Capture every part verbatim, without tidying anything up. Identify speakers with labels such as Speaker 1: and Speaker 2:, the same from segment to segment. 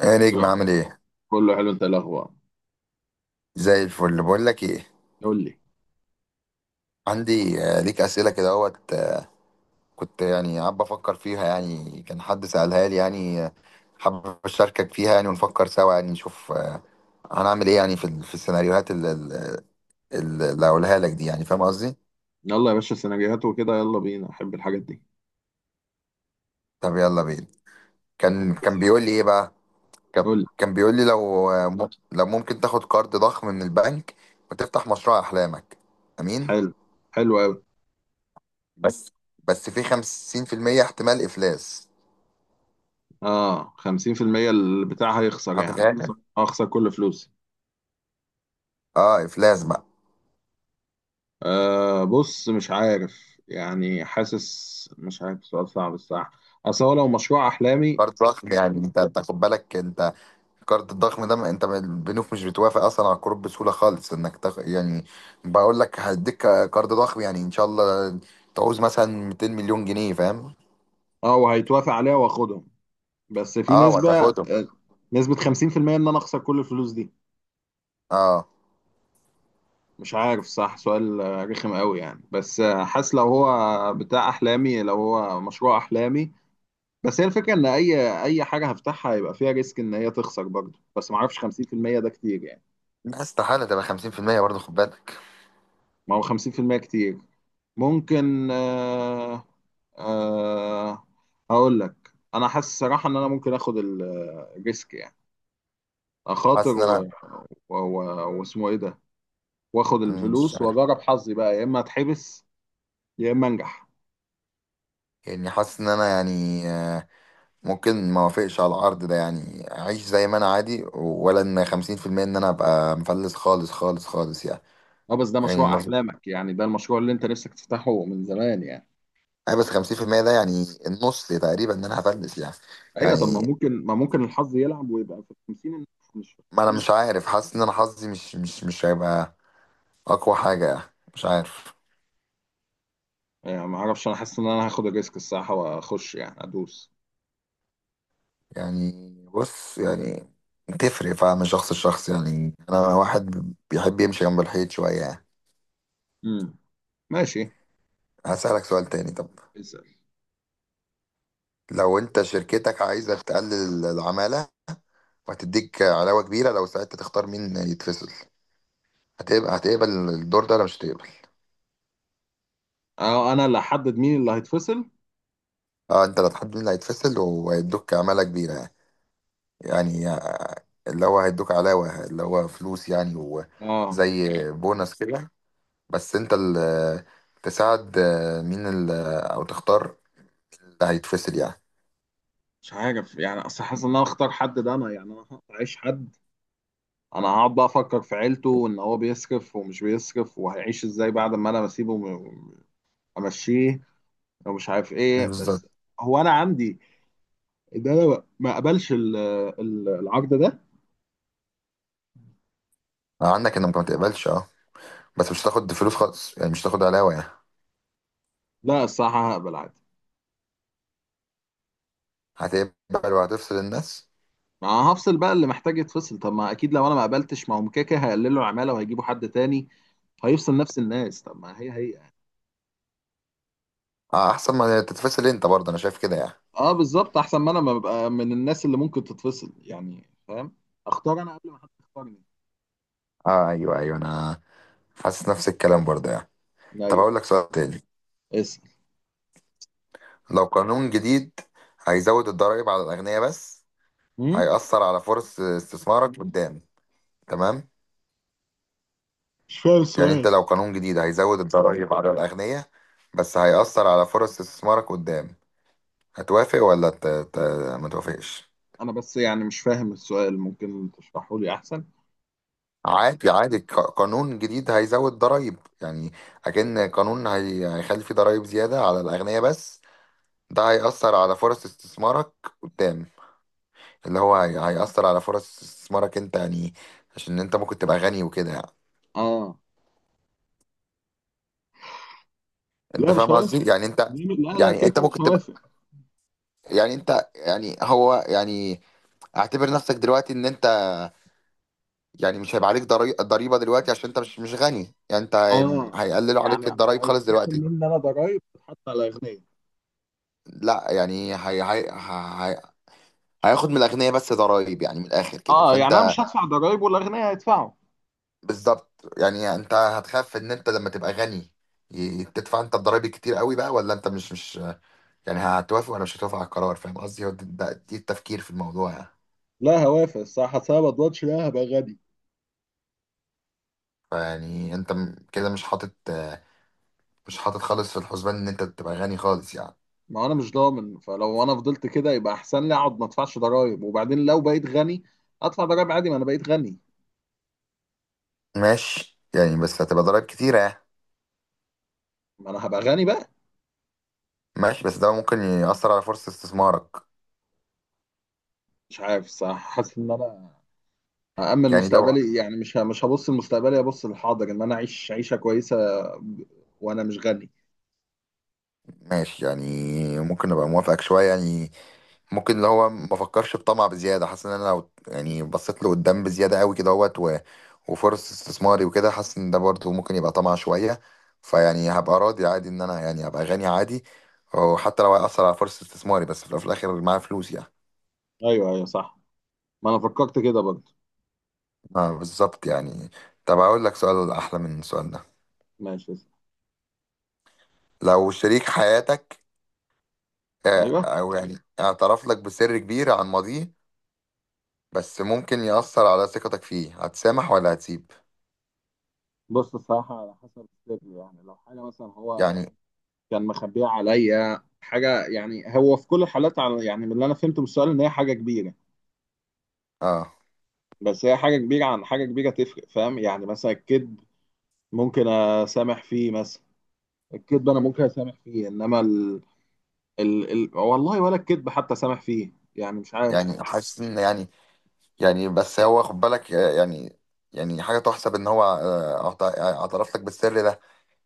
Speaker 1: ايه
Speaker 2: لا،
Speaker 1: نجم، عامل ايه؟
Speaker 2: كله حلو. انت إيه الاخبار؟
Speaker 1: زي الفل، بقول لك ايه.
Speaker 2: قول لي.
Speaker 1: عندي آه، ليك اسئله كده، اهوت. آه، كنت يعني قاعد بفكر فيها، يعني كان حد سالها لي يعني. آه، حابب اشاركك فيها يعني، ونفكر سوا يعني، نشوف آه، هنعمل ايه يعني في ال- في السيناريوهات اللي اللي اللي هقولها لك دي، يعني فاهم قصدي؟
Speaker 2: يلا يا باشا، سيناريوهات وكده، يلا بينا، احب الحاجات دي.
Speaker 1: طب يلا بينا. كان كان بيقول لي ايه بقى؟ كان
Speaker 2: قول لي.
Speaker 1: كان بيقول لي لو آه، مم- لو ممكن تاخد قرض ضخم من البنك، وتفتح مشروع احلامك، امين.
Speaker 2: حلو. حلو قوي.
Speaker 1: بس بس في خمسين في المية احتمال افلاس.
Speaker 2: اه، خمسين بالمية البتاع هيخسر، يعني هخسر
Speaker 1: هتغامر؟
Speaker 2: هخسر كل فلوسي.
Speaker 1: اه افلاس بقى.
Speaker 2: آه بص، مش عارف يعني، حاسس مش عارف، سؤال صعب الصراحه. اصل هو لو مشروع احلامي.
Speaker 1: قرض ضخم يعني، انت تاخد بالك، انت القرض الضخم ده، ما- انت ما- البنوك مش بتوافق اصلا على القروض بسهوله خالص انك تاخ... يعني، بقول لك هديك قرض ضخم، يعني ان شاء الله تعوز مثلا مئتين مليون جنيه، فاهم؟
Speaker 2: اه، وهيتوافق عليها واخدهم، بس في
Speaker 1: اه
Speaker 2: نسبه
Speaker 1: وهتاخدهم.
Speaker 2: آه، نسبه خمسين بالمية ان انا اخسر كل الفلوس دي.
Speaker 1: اه،
Speaker 2: مش عارف، صح؟ سؤال آه، رخم قوي يعني، بس آه، حاسس لو هو بتاع احلامي، لو هو مشروع احلامي. بس هي الفكره ان اي اي حاجه هفتحها هيبقى فيها ريسك ان هي تخسر برضه، بس ما اعرفش خمسين بالمية ده كتير يعني.
Speaker 1: لا استحاله تبقى خمسين في المية برضه، خد بالك.
Speaker 2: ما هو خمسين بالمية كتير. ممكن. آه. آه. هقول لك، انا حاسس الصراحه ان انا ممكن اخد ال- الريسك يعني، اخاطر
Speaker 1: حاسس ان انا
Speaker 2: و- و- و- واسمه ايه ده، واخد
Speaker 1: مم، مش
Speaker 2: الفلوس
Speaker 1: عارف.
Speaker 2: واجرب حظي بقى، يا اما اتحبس يا اما انجح.
Speaker 1: يعني حاسس ان انا يعني، آه، ممكن ما اوافقش على العرض ده، يعني اعيش زي ما انا عادي، ولا ان خمسين في المية ان انا ابقى مفلس، خالص خالص خالص يعني.
Speaker 2: اه بس ده
Speaker 1: يعني
Speaker 2: مشروع
Speaker 1: ما في
Speaker 2: احلامك يعني، ده المشروع اللي انت نفسك تفتحه من زمان يعني.
Speaker 1: آه بس خمسين في المية ده يعني النص تقريبا ان انا هفلس يعني.
Speaker 2: ايوه، طب ما
Speaker 1: يعني
Speaker 2: ممكن ما ممكن الحظ يلعب ويبقى في خمسين، مش في
Speaker 1: ما انا
Speaker 2: خمسين
Speaker 1: مش عارف، حاسس ان انا حظي مش مش مش هيبقى اقوى حاجة، مش عارف.
Speaker 2: يعني. ما اعرفش، انا حاسس ان انا هاخد الريسك الصراحه واخش يعني ادوس.
Speaker 1: يعني بص يعني، تفرق فعلا من شخص لشخص، يعني انا واحد بيحب يمشي جنب الحيط شوية يعني.
Speaker 2: امم ماشي.
Speaker 1: هسألك سؤال تاني طب.
Speaker 2: اسال.
Speaker 1: لو انت شركتك عايزة تقلل العمالة، وهتديك علاوة كبيرة لو ساعتها تختار مين يتفصل، هتقبل هتقبل الدور ده ولا مش هتقبل؟
Speaker 2: اه، انا اللي هحدد مين اللي هيتفصل.
Speaker 1: اه، انت اللي هتحدد مين اللي هيتفصل، وهيدوك عمالة كبيرة يعني. يعني اللي هو هيدوك علاوة، اللي هو فلوس يعني،
Speaker 2: اه،
Speaker 1: وزي بونص كده، بس انت اللي تساعد مين اللي، او تختار اللي هيتفصل يعني.
Speaker 2: مش عارف يعني، اصل حاسس ان انا اختار حد، ده انا يعني انا هعيش حد، انا هقعد بقى افكر في عيلته وان هو بيصرف ومش بيصرف وهيعيش ازاي بعد ما انا بسيبه وم- امشيه، ومش عارف ايه
Speaker 1: بالظبط.
Speaker 2: بس. هو انا عندي، ده لو ما قبلش ال- ال- العقد ده.
Speaker 1: عندك انك ما تقبلش، اه، بس مش هتاخد فلوس خالص يعني، مش هتاخد علاوة يعني.
Speaker 2: لا، الصراحة هقبل عادي.
Speaker 1: هتقبل وهتفصل الناس؟
Speaker 2: ما انا هفصل بقى اللي محتاج يتفصل. طب ما اكيد لو انا ما قبلتش، ما هم كده كده هيقللوا العمالة وهيجيبوا حد تاني هيفصل نفس الناس. طب ما هي هي يعني.
Speaker 1: اه احسن ما تتفصل انت برضه، انا شايف كده يعني.
Speaker 2: اه بالظبط، احسن ما انا ما ببقى من الناس اللي ممكن تتفصل يعني، فاهم؟ اختار انا قبل ما حد يختارني.
Speaker 1: اه ايوه ايوه، انا حاسس نفس الكلام برضه يعني. طب
Speaker 2: ايوه.
Speaker 1: اقول لك سؤال تاني.
Speaker 2: اسال.
Speaker 1: لو قانون جديد هيزود الضرائب على الاغنياء، بس
Speaker 2: هم؟
Speaker 1: هيأثر على فرص استثمارك قدام، تمام؟
Speaker 2: مش فاهم
Speaker 1: يعني انت
Speaker 2: السؤال.
Speaker 1: لو قانون جديد هيزود الضرائب على الأغنياء، بس هيأثر على فرص استثمارك قدام، هتوافق ولا ت... ت... ما توافقش؟
Speaker 2: انا بس يعني مش فاهم السؤال، ممكن تشرحه لي احسن.
Speaker 1: عادي عادي، ق- قانون جديد هيزود ضرائب يعني، أكن قانون هي... هيخلي فيه ضرائب زيادة على الأغنياء بس، ده هيأثر على فرص استثمارك قدام، اللي هو هي... هيأثر على فرص استثمارك انت يعني، عشان انت ممكن تبقى غني وكده يعني،
Speaker 2: اه،
Speaker 1: انت
Speaker 2: لا مش
Speaker 1: فاهم
Speaker 2: هوافق.
Speaker 1: قصدي يعني انت.
Speaker 2: لا لا،
Speaker 1: يعني
Speaker 2: كده
Speaker 1: انت
Speaker 2: كده مش
Speaker 1: ممكن تبقى،
Speaker 2: هوافق.
Speaker 1: يعني انت يعني هو يعني، اعتبر نفسك دلوقتي ان انت، يعني مش هيبقى عليك ضري- ضريبة دلوقتي عشان انت مش مش غني يعني، انت هي-
Speaker 2: اه،
Speaker 1: هيقللوا
Speaker 2: يعني
Speaker 1: عليك الضرايب خالص
Speaker 2: هيتخصم
Speaker 1: دلوقتي.
Speaker 2: مني انا ضرايب تتحط على الاغنياء؟
Speaker 1: لا يعني هي هي هي هياخد من الاغنياء بس ضرايب، يعني من الاخر كده،
Speaker 2: اه، يعني انا
Speaker 1: فانت،
Speaker 2: مش هدفع ضرايب والاغنياء هيدفعوا.
Speaker 1: بالظبط. يعني انت هتخاف ان انت لما تبقى غني، ي- تدفع انت الضرايب كتير قوي بقى، ولا انت مش مش، يعني هتوافق ولا مش هتوافق على القرار، فاهم قصدي؟ هو ده- ده- دي التفكير في الموضوع يعني.
Speaker 2: لا، هوافق الصراحه، أصل انا ما اضمنش لا هبقى غني.
Speaker 1: فيعني انت م- كده مش حاطط مش حاطط خالص في الحسبان ان انت تبقى غني خالص يعني.
Speaker 2: ما انا مش ضامن، فلو انا فضلت كده يبقى احسن لي اقعد ما ادفعش ضرايب، وبعدين لو بقيت غني ادفع ضرايب عادي، ما انا بقيت غني.
Speaker 1: ماشي يعني، بس هتبقى ضرائب كتيرة يعني.
Speaker 2: ما انا هبقى غني بقى.
Speaker 1: ماشي، بس ده ممكن يأثر على فرصة استثمارك.
Speaker 2: مش عارف الصراحه، حاسس ان انا هامن
Speaker 1: يعني لو،
Speaker 2: مستقبلي يعني، مش ه- مش هبص لمستقبلي، ابص للحاضر ان انا اعيش عيشه كويسه. ب- وانا مش غني.
Speaker 1: ماشي يعني، ممكن ابقى موافقك شوية يعني، ممكن اللي هو ما فكرش بطمع بزيادة، حاسس ان انا لو يعني بصيت له قدام بزيادة قوي كده اهوت، و- وفرص استثماري وكده، حاسس ان ده برضه ممكن يبقى طمع شوية، فيعني هبقى راضي عادي ان انا يعني هبقى غني عادي، وحتى لو هيأثر على فرصة استثماري، بس في الأول وفي الآخر معايا فلوس يعني.
Speaker 2: ايوه ايوه صح. ما انا فكرت كده برضه.
Speaker 1: اه بالظبط يعني. طب اقول لك سؤال احلى من السؤال ده.
Speaker 2: ماشي.
Speaker 1: لو شريك حياتك، آه،
Speaker 2: ايوه.
Speaker 1: او يعني اعترف لك بسر كبير عن ماضيه، بس ممكن يأثر على ثقتك فيه، هتسامح ولا هتسيب؟
Speaker 2: بص، الصراحة على حسب السر يعني. لو حاجة مثلا هو
Speaker 1: يعني
Speaker 2: كان مخبيها عليا حاجة، يعني هو في كل الحالات، على يعني من اللي أنا فهمته من السؤال، إن هي حاجة كبيرة.
Speaker 1: اه
Speaker 2: بس هي حاجة كبيرة عن حاجة كبيرة تفرق، فاهم؟ يعني مثلا الكذب ممكن أسامح فيه مثلا. الكذب أنا ممكن أسامح فيه، إنما ال... ال... ال... والله، ولا الكذب حتى أسامح فيه، يعني مش عارف.
Speaker 1: يعني حاسس ان يعني، يعني بس هو خد بالك، آه، يعني، يعني حاجة تحسب ان هو، آه، اعت- اعترف لك بالسر ده،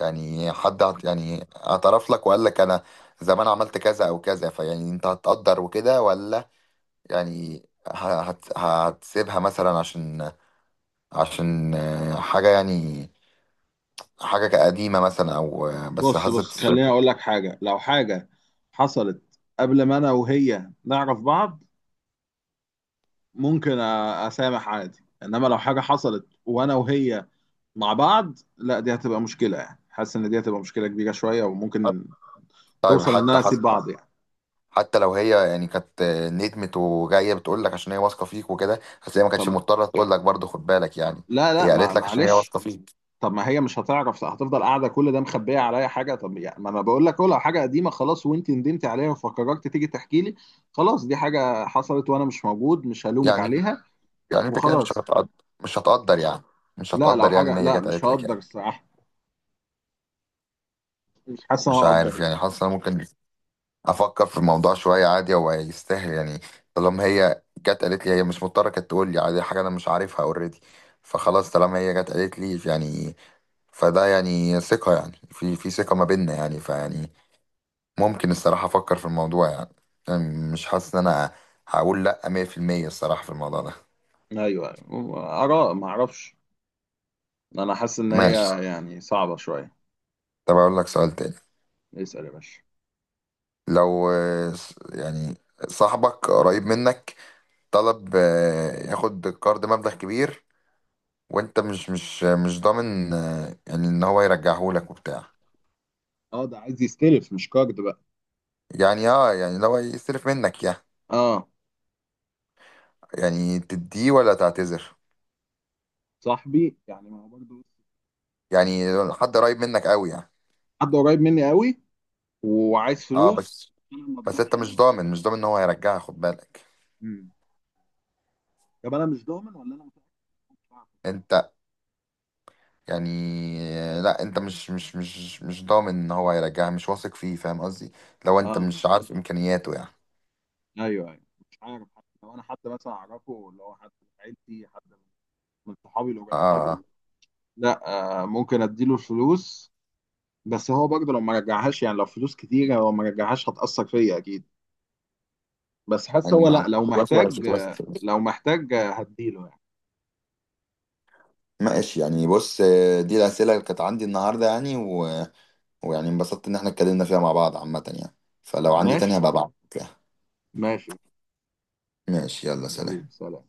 Speaker 1: يعني حد اعت- يعني اعترف لك وقال لك انا زمان عملت كذا او كذا، فيعني انت هتقدر وكده ولا، يعني ه- هت- هتسيبها مثلا، عشان عشان آه، حاجة يعني، حاجة قديمة مثلا أو آه، بس
Speaker 2: بص
Speaker 1: حظت
Speaker 2: بص، خليني
Speaker 1: الشركة.
Speaker 2: أقول لك حاجة. لو حاجة حصلت قبل ما أنا وهي نعرف بعض، ممكن أ- اسامح عادي، انما لو حاجه حصلت وانا وهي مع بعض، لا دي هتبقى مشكله يعني. حاسس ان دي هتبقى مشكله كبيره شويه، وممكن
Speaker 1: طيب
Speaker 2: توصل ان
Speaker 1: حتى
Speaker 2: انا اسيب
Speaker 1: حتى
Speaker 2: بعض يعني.
Speaker 1: حتى لو هي يعني كانت آه، ندمت وجاية بتقول لك عشان هي واثقة فيك وكده، بس هي ما
Speaker 2: طب
Speaker 1: كانتش مضطرة تقول لك برضه، خد بالك يعني،
Speaker 2: لا لا،
Speaker 1: هي
Speaker 2: مع-
Speaker 1: قالت لك عشان هي
Speaker 2: معلش.
Speaker 1: واثقة فيك.
Speaker 2: طب ما هي مش هتعرف، هتفضل قاعده كل ده مخبيه عليا حاجه. طب يعني ما انا بقول لك أهو، لو حاجه قديمه خلاص وانت ندمت عليها وفكرت تيجي تحكي لي، خلاص دي حاجه حصلت وانا مش موجود، مش هلومك
Speaker 1: يعني
Speaker 2: عليها
Speaker 1: يعني أنت كده مش
Speaker 2: وخلاص.
Speaker 1: هتقدر، مش هتقدر يعني، مش
Speaker 2: لا، لو
Speaker 1: هتقدر يعني إن
Speaker 2: حاجه
Speaker 1: هي
Speaker 2: لا
Speaker 1: جت
Speaker 2: مش
Speaker 1: قالت لك
Speaker 2: هقدر
Speaker 1: يعني.
Speaker 2: الصراحه، مش حاسس ان انا
Speaker 1: مش عارف
Speaker 2: هقدر.
Speaker 1: يعني، حاسس أنا ممكن افكر في الموضوع شويه، عادي هو يستاهل يعني، طالما هي جت قالت لي، هي مش مضطره كانت تقول لي، عادي حاجه انا مش عارفها اوريدي، فخلاص طالما هي جت قالت لي يعني، فده يعني ثقه يعني، في في ثقه ما بيننا يعني، فيعني ممكن الصراحه افكر في الموضوع يعني، يعني مش حاسس ان انا هقول لا مية في المية الصراحه في الموضوع ده.
Speaker 2: لا ايوه أيوة. اراء، ما اعرفش. انا حاسس ان هي
Speaker 1: ماشي،
Speaker 2: يعني صعبة شوية.
Speaker 1: طب اقول لك سؤال تاني.
Speaker 2: اسأل يا باشا.
Speaker 1: لو آه، س- يعني صاحبك قريب منك طلب آه، ياخد قرض مبلغ كبير، وانت مش مش مش ضامن آه، يعني ان هو يرجعهولك وبتاع،
Speaker 2: اه، ده عايز يستلف مش كارد بقى.
Speaker 1: يعني اه يعني لو يصرف منك يعني،
Speaker 2: اه،
Speaker 1: يعني تديه ولا تعتذر؟
Speaker 2: صاحبي يعني، ما هو برضه
Speaker 1: يعني حد قريب منك قوي يعني،
Speaker 2: حد قريب مني قوي، وعايز
Speaker 1: اه
Speaker 2: فلوس.
Speaker 1: بس
Speaker 2: انا ما
Speaker 1: بس انت مش
Speaker 2: اضمنش.
Speaker 1: ضامن مش ضامن ان هو هيرجعها، خد بالك
Speaker 2: مم. طب انا مش ضامن ولا انا متأكد إن هو مش عارف؟
Speaker 1: انت يعني، لا انت مش مش مش مش ضامن ان هو هيرجعها، مش واثق فيه، فاهم قصدي؟ لو انت
Speaker 2: اه
Speaker 1: مش عارف امكانياته يعني.
Speaker 2: ايوه ايوه. مش عارف حد. لو انا حد مثلا اعرفه اللي هو حد من عيلتي، حد من صحابي
Speaker 1: اه
Speaker 2: القريبين
Speaker 1: اه،
Speaker 2: قوي. لا، آه ممكن اديله الفلوس، بس هو برضه لو ما رجعهاش يعني، لو فلوس كتيرة لو ما رجعهاش هتأثر فيا اكيد. بس حاسس
Speaker 1: يعني
Speaker 2: هو،
Speaker 1: ما
Speaker 2: لا
Speaker 1: عارف
Speaker 2: لو
Speaker 1: واثق ولا
Speaker 2: محتاج
Speaker 1: مش واثق.
Speaker 2: لو محتاج هديله يعني.
Speaker 1: ماشي يعني، بص آه، دي الاسئله اللي كانت عندي النهارده يعني، و ويعني انبسطت ان احنا اتكلمنا فيها مع بعض عامة يعني، فلو عندي تاني
Speaker 2: ماشي.
Speaker 1: هبقى ابعتلك يعني.
Speaker 2: ماشي.
Speaker 1: ماشي يلا
Speaker 2: حبيبي،
Speaker 1: سلام.
Speaker 2: سلام.